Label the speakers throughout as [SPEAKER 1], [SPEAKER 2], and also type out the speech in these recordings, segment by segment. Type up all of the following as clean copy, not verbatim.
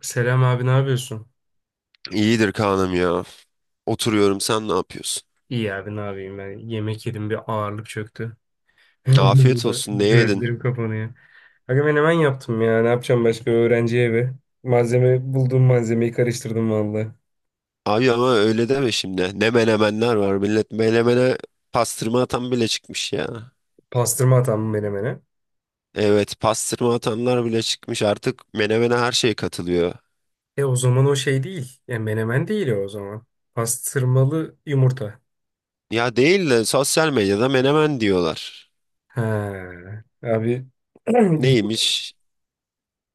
[SPEAKER 1] Selam abi ne yapıyorsun?
[SPEAKER 2] İyidir Kaan'ım ya. Oturuyorum, sen ne yapıyorsun?
[SPEAKER 1] İyi abi ne yapayım ben yemek yedim bir ağırlık çöktü.
[SPEAKER 2] Afiyet olsun, ne yedin?
[SPEAKER 1] Gözlerim kapanıyor. Aga ben hemen yaptım ya ne yapacağım başka öğrenci evi. Malzeme bulduğum malzemeyi karıştırdım vallahi.
[SPEAKER 2] Abi ama öyle deme şimdi. Ne menemenler var millet. Menemene pastırma atan bile çıkmış ya.
[SPEAKER 1] Pastırma atam menemene.
[SPEAKER 2] Evet, pastırma atanlar bile çıkmış. Artık menemene her şey katılıyor.
[SPEAKER 1] E o zaman o şey değil. E menemen değil o zaman. Pastırmalı yumurta.
[SPEAKER 2] Ya değil de sosyal medyada menemen diyorlar.
[SPEAKER 1] Ha, abi ilginç.
[SPEAKER 2] Neymiş?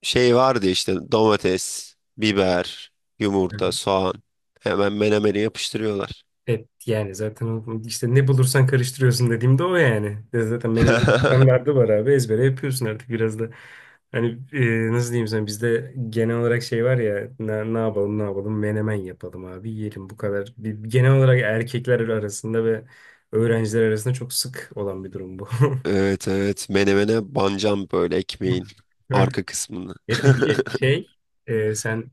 [SPEAKER 2] Şey vardı işte domates, biber, yumurta, soğan. Hemen menemeni yapıştırıyorlar.
[SPEAKER 1] Evet yani zaten işte ne bulursan karıştırıyorsun dediğimde o yani. Ya zaten benim standardı var abi ezbere yapıyorsun artık biraz da. Hani nasıl diyeyim sana bizde genel olarak şey var ya ne yapalım ne yapalım menemen yapalım abi yiyelim bu kadar. Bir, genel olarak erkekler arasında ve öğrenciler arasında çok sık olan bir durum bu.
[SPEAKER 2] Evet evet, menemene bancam böyle ekmeğin arka kısmını.
[SPEAKER 1] E peki sen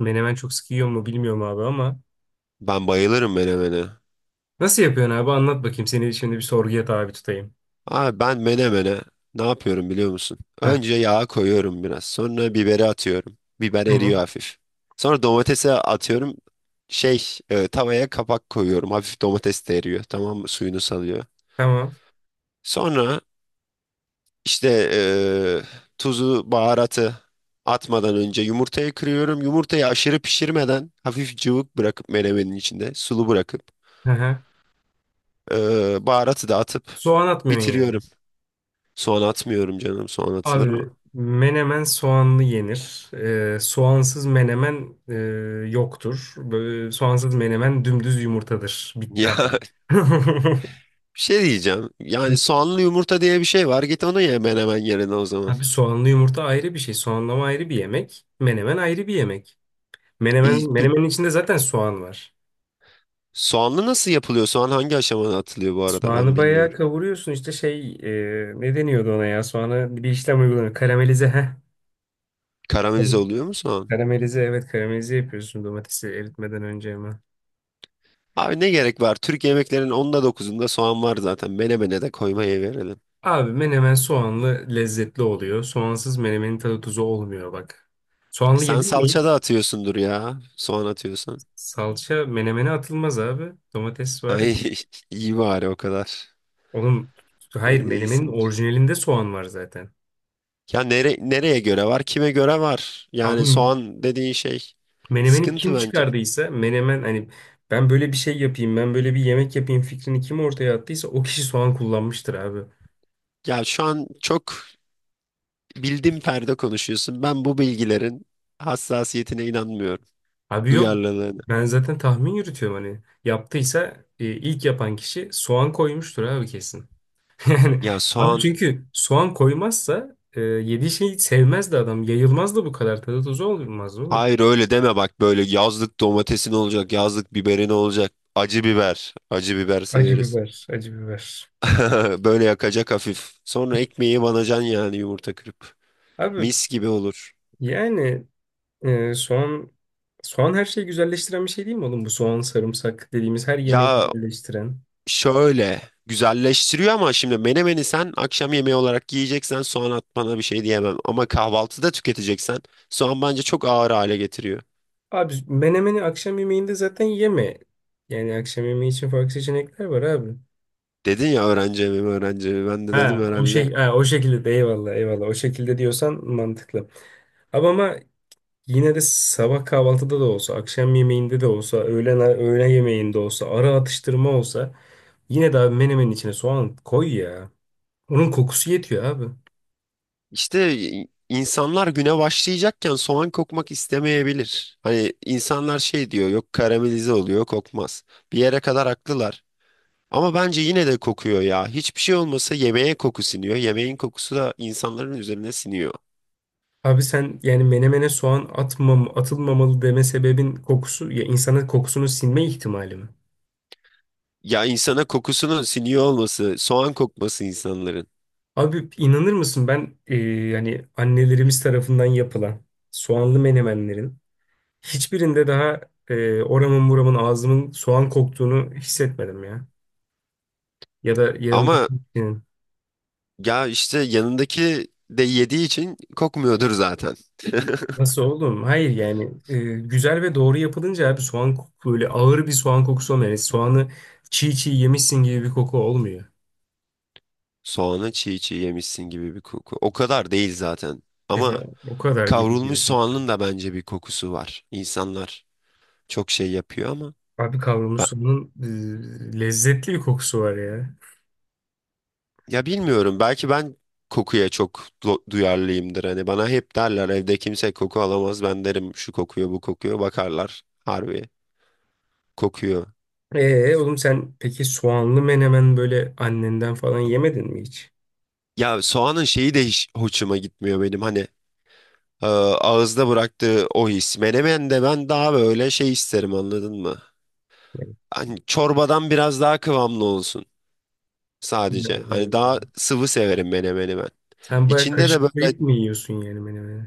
[SPEAKER 1] menemen çok sık yiyor mu bilmiyorum abi ama
[SPEAKER 2] Ben bayılırım menemene.
[SPEAKER 1] nasıl yapıyorsun abi anlat bakayım seni şimdi bir sorguya tabi tutayım.
[SPEAKER 2] Abi ben menemene ne yapıyorum biliyor musun?
[SPEAKER 1] Heh,
[SPEAKER 2] Önce yağa koyuyorum biraz. Sonra biberi atıyorum. Biber eriyor
[SPEAKER 1] tamam.
[SPEAKER 2] hafif. Sonra domatese atıyorum. Tavaya kapak koyuyorum. Hafif domates de eriyor. Tamam mı? Suyunu salıyor.
[SPEAKER 1] Tamam.
[SPEAKER 2] Sonra İşte tuzu, baharatı atmadan önce yumurtayı kırıyorum. Yumurtayı aşırı pişirmeden hafif cıvık bırakıp menemenin içinde sulu bırakıp
[SPEAKER 1] Hı hı.
[SPEAKER 2] baharatı da atıp
[SPEAKER 1] Soğan atmıyorsun yani.
[SPEAKER 2] bitiriyorum. Soğan atmıyorum canım. Soğan atılır mı?
[SPEAKER 1] Abi menemen soğanlı yenir. Soğansız menemen yoktur. Böyle, soğansız menemen dümdüz yumurtadır. Bitti abi.
[SPEAKER 2] Ya bir şey diyeceğim. Yani soğanlı yumurta diye bir şey var. Git onu ye hemen hemen yerine o zaman.
[SPEAKER 1] Abi soğanlı yumurta ayrı bir şey. Soğanlama ayrı bir yemek. Menemen ayrı bir yemek.
[SPEAKER 2] İyi,
[SPEAKER 1] Menemen,
[SPEAKER 2] peki
[SPEAKER 1] menemenin içinde zaten soğan var.
[SPEAKER 2] soğanlı nasıl yapılıyor? Soğan hangi aşamada atılıyor bu arada?
[SPEAKER 1] Soğanı
[SPEAKER 2] Ben
[SPEAKER 1] bayağı
[SPEAKER 2] bilmiyorum.
[SPEAKER 1] kavuruyorsun. İşte ne deniyordu ona ya? Soğanı bir işlem uygulanıyor. Karamelize. Heh.
[SPEAKER 2] Karamelize oluyor mu soğan?
[SPEAKER 1] Karamelize, evet, karamelize yapıyorsun domatesi eritmeden önce hemen.
[SPEAKER 2] Abi ne gerek var? Türk yemeklerinin onda dokuzunda soğan var zaten. Menemene de koymaya verelim.
[SPEAKER 1] Abi menemen soğanlı lezzetli oluyor. Soğansız menemenin tadı tuzu olmuyor bak.
[SPEAKER 2] E
[SPEAKER 1] Soğanlı
[SPEAKER 2] sen
[SPEAKER 1] yedin mi hiç?
[SPEAKER 2] salça da atıyorsundur ya. Soğan atıyorsan.
[SPEAKER 1] Salça menemene atılmaz abi. Domates var ya.
[SPEAKER 2] Ay iyi bari o kadar.
[SPEAKER 1] Oğlum hayır,
[SPEAKER 2] İyi
[SPEAKER 1] menemenin
[SPEAKER 2] değilsindir.
[SPEAKER 1] orijinalinde soğan var zaten.
[SPEAKER 2] Ya nereye göre var? Kime göre var? Yani
[SPEAKER 1] Abi
[SPEAKER 2] soğan dediğin şey
[SPEAKER 1] menemeni kim
[SPEAKER 2] sıkıntı bence.
[SPEAKER 1] çıkardıysa menemen hani ben böyle bir şey yapayım ben böyle bir yemek yapayım fikrini kim ortaya attıysa o kişi soğan kullanmıştır abi.
[SPEAKER 2] Ya şu an çok bildim perde konuşuyorsun. Ben bu bilgilerin hassasiyetine inanmıyorum.
[SPEAKER 1] Abi yok.
[SPEAKER 2] Duyarlılığına.
[SPEAKER 1] Ben zaten tahmin yürütüyorum hani. Yaptıysa ilk yapan kişi soğan koymuştur abi kesin. Yani
[SPEAKER 2] Ya
[SPEAKER 1] abi
[SPEAKER 2] soğan
[SPEAKER 1] çünkü soğan koymazsa yediği şeyi sevmezdi adam. Yayılmazdı bu kadar, tadı tuzu olmaz oğlum.
[SPEAKER 2] Hayır, öyle deme bak, böyle yazlık domatesin olacak, yazlık biberin olacak. Acı biber, acı biber
[SPEAKER 1] Acı
[SPEAKER 2] severiz.
[SPEAKER 1] biber, acı biber.
[SPEAKER 2] Böyle yakacak hafif. Sonra ekmeği banacan yani yumurta kırıp.
[SPEAKER 1] Abi
[SPEAKER 2] Mis gibi olur.
[SPEAKER 1] yani e, soğan soğan her şeyi güzelleştiren bir şey değil mi oğlum? Bu soğan sarımsak dediğimiz her yemeği
[SPEAKER 2] Ya
[SPEAKER 1] güzelleştiren.
[SPEAKER 2] şöyle güzelleştiriyor ama şimdi menemeni sen akşam yemeği olarak yiyeceksen soğan atmana bir şey diyemem. Ama kahvaltıda tüketeceksen soğan bence çok ağır hale getiriyor.
[SPEAKER 1] Abi menemeni akşam yemeğinde zaten yeme. Yani akşam yemeği için farklı seçenekler var abi.
[SPEAKER 2] Dedin ya öğrenci evi mi, öğrenci evi. Ben de dedim
[SPEAKER 1] Ha, o
[SPEAKER 2] herhalde.
[SPEAKER 1] şey ha, o şekilde de eyvallah, eyvallah, o şekilde diyorsan mantıklı. Ama yine de sabah kahvaltıda da olsa, akşam yemeğinde de olsa, öğlen öğle yemeğinde olsa, ara atıştırma olsa yine de abi menemenin içine soğan koy ya. Onun kokusu yetiyor abi.
[SPEAKER 2] İşte insanlar güne başlayacakken soğan kokmak istemeyebilir. Hani insanlar şey diyor yok karamelize oluyor kokmaz. Bir yere kadar haklılar. Ama bence yine de kokuyor ya. Hiçbir şey olmasa yemeğe koku siniyor. Yemeğin kokusu da insanların üzerine siniyor.
[SPEAKER 1] Abi sen yani menemene soğan atmam, atılmamalı deme sebebin kokusu ya insanın kokusunu sinme ihtimali mi?
[SPEAKER 2] Ya insana kokusunun siniyor olması, soğan kokması insanların.
[SPEAKER 1] Abi inanır mısın ben yani annelerimiz tarafından yapılan soğanlı menemenlerin hiçbirinde daha oramın buramın ağzımın soğan koktuğunu hissetmedim ya. Ya da yanımdaki
[SPEAKER 2] Ama
[SPEAKER 1] kişinin.
[SPEAKER 2] ya işte yanındaki de yediği için kokmuyordur zaten.
[SPEAKER 1] Nasıl oğlum? Hayır yani güzel ve doğru yapılınca abi soğan koku böyle ağır bir soğan kokusu olmuyor. Yani soğanı çiğ çiğ yemişsin gibi bir koku olmuyor.
[SPEAKER 2] Soğanı çiğ çiğ yemişsin gibi bir koku. O kadar değil zaten.
[SPEAKER 1] E,
[SPEAKER 2] Ama
[SPEAKER 1] O kadar gibi
[SPEAKER 2] kavrulmuş
[SPEAKER 1] diyorsun.
[SPEAKER 2] soğanın da bence bir kokusu var. İnsanlar çok şey yapıyor ama
[SPEAKER 1] Abi kavrulmuş
[SPEAKER 2] ben,
[SPEAKER 1] soğanın lezzetli bir kokusu var ya.
[SPEAKER 2] ya bilmiyorum belki ben kokuya çok duyarlıyımdır. Hani bana hep derler evde kimse koku alamaz, ben derim şu kokuyor bu kokuyor, bakarlar harbi kokuyor.
[SPEAKER 1] E oğlum sen peki soğanlı menemen böyle annenden falan yemedin mi hiç?
[SPEAKER 2] Ya soğanın şeyi de hiç hoşuma gitmiyor benim, hani ağızda bıraktığı o his. Menemen de ben daha böyle şey isterim, anladın mı? Hani çorbadan biraz daha kıvamlı olsun sadece. Hani daha
[SPEAKER 1] Yani,
[SPEAKER 2] sıvı severim menemeni ben.
[SPEAKER 1] sen bayağı
[SPEAKER 2] İçinde de böyle
[SPEAKER 1] kaşıklayıp mı yiyorsun yani menemeni?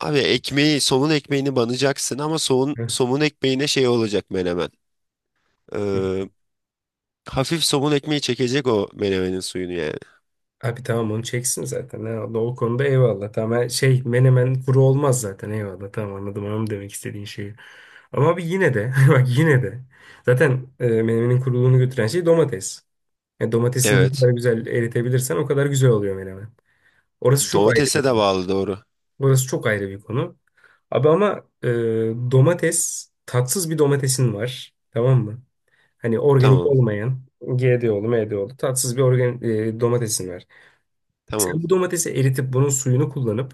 [SPEAKER 2] Abi ekmeği, somun ekmeğini banacaksın ama somun,
[SPEAKER 1] Heh.
[SPEAKER 2] somun ekmeğine şey olacak menemen. Ee, hafif somun ekmeği çekecek o menemenin suyunu yani.
[SPEAKER 1] Abi tamam onu çeksin zaten. Eyvallah. O konuda eyvallah. Tamam her şey menemen kuru olmaz zaten. Eyvallah tamam, anladım, anladım demek istediğin şeyi. Ama abi yine de bak yine de zaten menemenin kuruluğunu götüren şey domates. Yani domatesini ne kadar
[SPEAKER 2] Evet.
[SPEAKER 1] güzel eritebilirsen o kadar güzel oluyor menemen. Orası çok ayrı
[SPEAKER 2] Domatese
[SPEAKER 1] bir
[SPEAKER 2] de
[SPEAKER 1] konu.
[SPEAKER 2] bağlı, doğru.
[SPEAKER 1] Orası çok ayrı bir konu. Abi ama domates tatsız bir domatesin var. Tamam mı? Hani organik
[SPEAKER 2] Tamam.
[SPEAKER 1] olmayan GDO'lu, MDO'lu tatsız bir domatesin var.
[SPEAKER 2] Tamam.
[SPEAKER 1] Sen bu domatesi eritip bunun suyunu kullanıp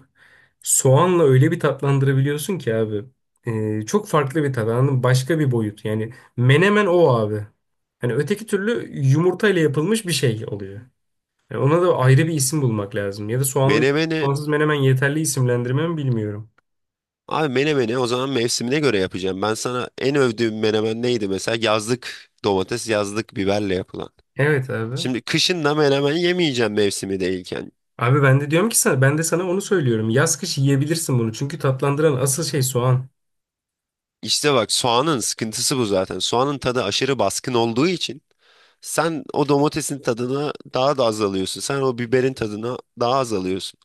[SPEAKER 1] soğanla öyle bir tatlandırabiliyorsun ki abi. E, çok farklı bir tat anladın mı? Başka bir boyut. Yani menemen o abi. Hani öteki türlü yumurtayla yapılmış bir şey oluyor. Yani ona da ayrı bir isim bulmak lazım. Ya da soğanlı
[SPEAKER 2] Menemeni
[SPEAKER 1] soğansız menemen yeterli isimlendirme mi bilmiyorum.
[SPEAKER 2] abi menemeni o zaman mevsimine göre yapacağım. Ben sana en övdüğüm menemen neydi mesela? Yazlık domates, yazlık biberle yapılan.
[SPEAKER 1] Evet abi.
[SPEAKER 2] Şimdi kışın da menemen yemeyeceğim mevsimi değilken.
[SPEAKER 1] Abi ben de sana onu söylüyorum. Yaz kış yiyebilirsin bunu. Çünkü tatlandıran asıl şey soğan.
[SPEAKER 2] İşte bak, soğanın sıkıntısı bu zaten. Soğanın tadı aşırı baskın olduğu için sen o domatesin tadına daha da az alıyorsun. Sen o biberin tadına daha az alıyorsun.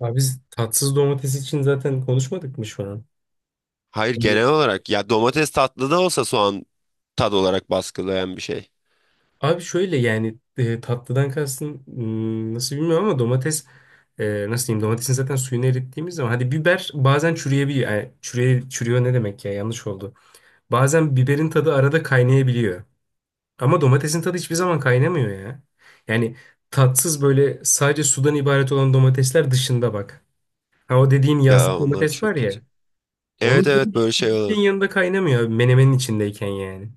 [SPEAKER 1] Abi biz tatsız domates için zaten konuşmadık mı şu an?
[SPEAKER 2] Hayır, genel olarak ya domates tatlı da olsa soğan tad olarak baskılayan bir şey.
[SPEAKER 1] Abi şöyle yani tatlıdan kastın hmm, nasıl bilmiyorum ama nasıl diyeyim domatesin zaten suyunu erittiğimiz zaman hadi biber bazen çürüyebiliyor. Yani çürüyor ne demek ya, yanlış oldu. Bazen biberin tadı arada kaynayabiliyor. Ama domatesin tadı hiçbir zaman kaynamıyor ya. Yani tatsız böyle sadece sudan ibaret olan domatesler dışında bak. Ha o dediğin
[SPEAKER 2] Ya
[SPEAKER 1] yazlık
[SPEAKER 2] onlar
[SPEAKER 1] domates
[SPEAKER 2] çok
[SPEAKER 1] var
[SPEAKER 2] kötü.
[SPEAKER 1] ya. Onun
[SPEAKER 2] Evet
[SPEAKER 1] tadı
[SPEAKER 2] evet, böyle
[SPEAKER 1] hiçbir
[SPEAKER 2] şey olan.
[SPEAKER 1] şeyin yanında kaynamıyor abi, menemenin içindeyken yani.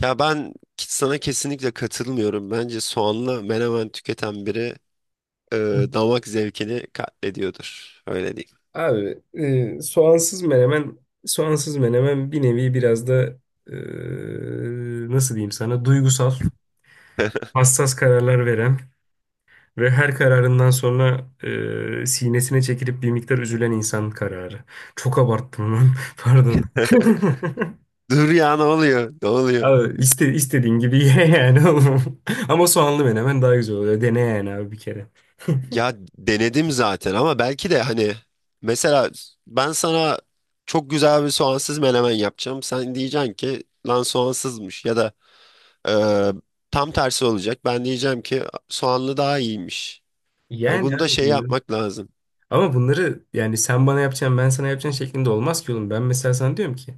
[SPEAKER 2] Ya ben sana kesinlikle katılmıyorum. Bence soğanla menemen tüketen biri e,
[SPEAKER 1] Hı.
[SPEAKER 2] damak zevkini katlediyordur. Öyle diyeyim.
[SPEAKER 1] Abi soğansız menemen bir nevi biraz da e, nasıl diyeyim sana duygusal, hassas kararlar veren ve her kararından sonra sinesine çekilip bir miktar üzülen insan kararı. Çok abarttım lan. Pardon.
[SPEAKER 2] Dur ya, ne oluyor? Ne oluyor?
[SPEAKER 1] Abi istediğin gibi ye yani oğlum. Ama soğanlı menemen daha güzel oluyor. Dene yani abi bir kere.
[SPEAKER 2] Ya denedim zaten ama belki de hani mesela ben sana çok güzel bir soğansız menemen yapacağım. Sen diyeceksin ki lan soğansızmış, ya da e, tam tersi olacak. Ben diyeceğim ki soğanlı daha iyiymiş. Hani
[SPEAKER 1] Yani
[SPEAKER 2] bunu da
[SPEAKER 1] abi
[SPEAKER 2] şey
[SPEAKER 1] bunları.
[SPEAKER 2] yapmak lazım.
[SPEAKER 1] Ama bunları yani sen bana yapacaksın ben sana yapacağım şeklinde olmaz ki oğlum. Ben mesela sana diyorum ki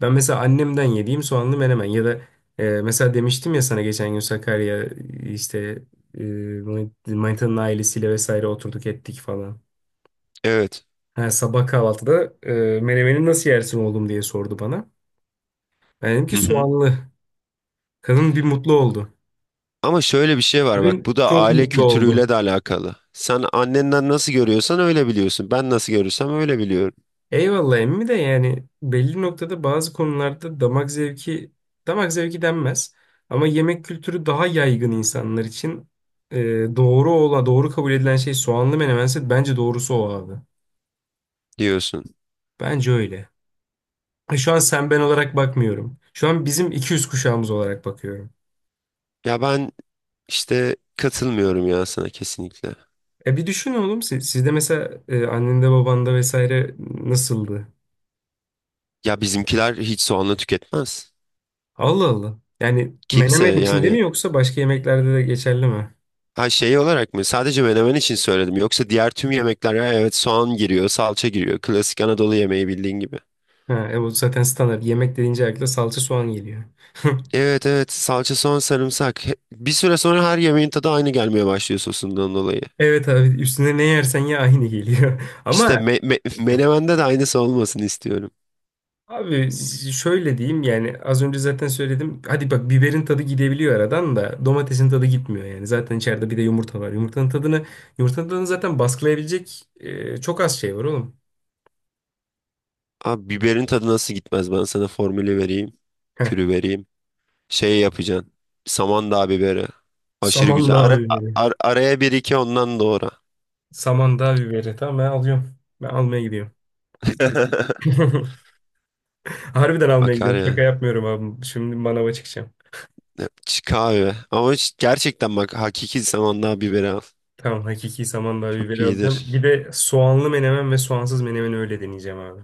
[SPEAKER 1] ben mesela annemden yediğim soğanlı menemen ya da mesela demiştim ya sana geçen gün Sakarya işte e, Manita'nın ailesiyle vesaire oturduk ettik falan.
[SPEAKER 2] Evet.
[SPEAKER 1] Ha, sabah kahvaltıda menemeni nasıl yersin oğlum diye sordu bana. Ben dedim ki
[SPEAKER 2] Hı hı.
[SPEAKER 1] soğanlı. Kadın bir mutlu oldu.
[SPEAKER 2] Ama şöyle bir şey var bak,
[SPEAKER 1] Kadın
[SPEAKER 2] bu da
[SPEAKER 1] çok
[SPEAKER 2] aile
[SPEAKER 1] mutlu
[SPEAKER 2] kültürüyle
[SPEAKER 1] oldu.
[SPEAKER 2] de alakalı. Sen annenden nasıl görüyorsan öyle biliyorsun. Ben nasıl görürsem öyle biliyorum
[SPEAKER 1] Eyvallah emmi de yani belli noktada bazı konularda damak zevki denmez ama yemek kültürü daha yaygın insanlar için e, doğru kabul edilen şey soğanlı menemense bence doğrusu o abi.
[SPEAKER 2] diyorsun.
[SPEAKER 1] Bence öyle. E, şu an sen ben olarak bakmıyorum. Şu an bizim 200 kuşağımız olarak bakıyorum.
[SPEAKER 2] Ya ben işte katılmıyorum ya sana, kesinlikle.
[SPEAKER 1] E bir düşün oğlum sizde mesela annende babanda vesaire nasıldı?
[SPEAKER 2] Ya bizimkiler hiç soğanla tüketmez.
[SPEAKER 1] Allah Allah. Yani
[SPEAKER 2] Kimse
[SPEAKER 1] menemen içinde mi
[SPEAKER 2] yani,
[SPEAKER 1] yoksa başka yemeklerde de geçerli mi?
[SPEAKER 2] ha şey olarak mı? Sadece menemen için söyledim. Yoksa diğer tüm yemekler, ha, evet soğan giriyor, salça giriyor. Klasik Anadolu yemeği bildiğin gibi.
[SPEAKER 1] Ha, o zaten standart. Yemek dediğince akla salça soğan geliyor.
[SPEAKER 2] Evet evet, salça, soğan, sarımsak. Bir süre sonra her yemeğin tadı aynı gelmeye başlıyor sosundan dolayı.
[SPEAKER 1] Evet abi üstüne ne yersen ye aynı geliyor.
[SPEAKER 2] İşte
[SPEAKER 1] Ama
[SPEAKER 2] menemende de aynısı olmasını istiyorum.
[SPEAKER 1] abi şöyle diyeyim yani az önce zaten söyledim. Hadi bak biberin tadı gidebiliyor aradan da domatesin tadı gitmiyor yani. Zaten içeride bir de yumurta var. Yumurtanın tadını zaten baskılayabilecek çok az şey var oğlum.
[SPEAKER 2] Abi biberin tadı nasıl gitmez? Ben sana formülü vereyim.
[SPEAKER 1] Heh.
[SPEAKER 2] Kürü vereyim. Şey yapacaksın. Samandağ biberi. Aşırı güzel.
[SPEAKER 1] Samandağ
[SPEAKER 2] Ara,
[SPEAKER 1] biberi.
[SPEAKER 2] ar- araya bir iki ondan doğru.
[SPEAKER 1] Samandağ biberi. Tamam ben alıyorum. Ben almaya gidiyorum. Harbiden almaya
[SPEAKER 2] Akar
[SPEAKER 1] gidiyorum.
[SPEAKER 2] ya.
[SPEAKER 1] Şaka yapmıyorum abi. Şimdi manava çıkacağım.
[SPEAKER 2] Kahve. Ama gerçekten bak, hakiki Samandağ biberi al.
[SPEAKER 1] Tamam hakiki samandağ
[SPEAKER 2] Çok
[SPEAKER 1] biberi alacağım. Bir
[SPEAKER 2] iyidir.
[SPEAKER 1] de soğanlı menemen ve soğansız menemen öyle deneyeceğim abi.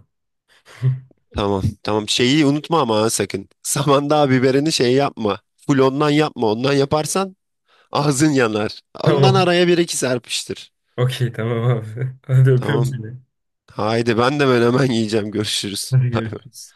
[SPEAKER 2] Tamam. Tamam. Şeyi unutma ama ha, sakın. Samandağ biberini şey yapma. Full ondan yapma. Ondan yaparsan ağzın yanar. Ondan
[SPEAKER 1] Tamam.
[SPEAKER 2] araya bir iki serpiştir.
[SPEAKER 1] Okey tamam abi. Hadi öpüyorum
[SPEAKER 2] Tamam.
[SPEAKER 1] seni.
[SPEAKER 2] Haydi ben de ben hemen yiyeceğim. Görüşürüz.
[SPEAKER 1] Hadi
[SPEAKER 2] Bay bay.
[SPEAKER 1] görüşürüz.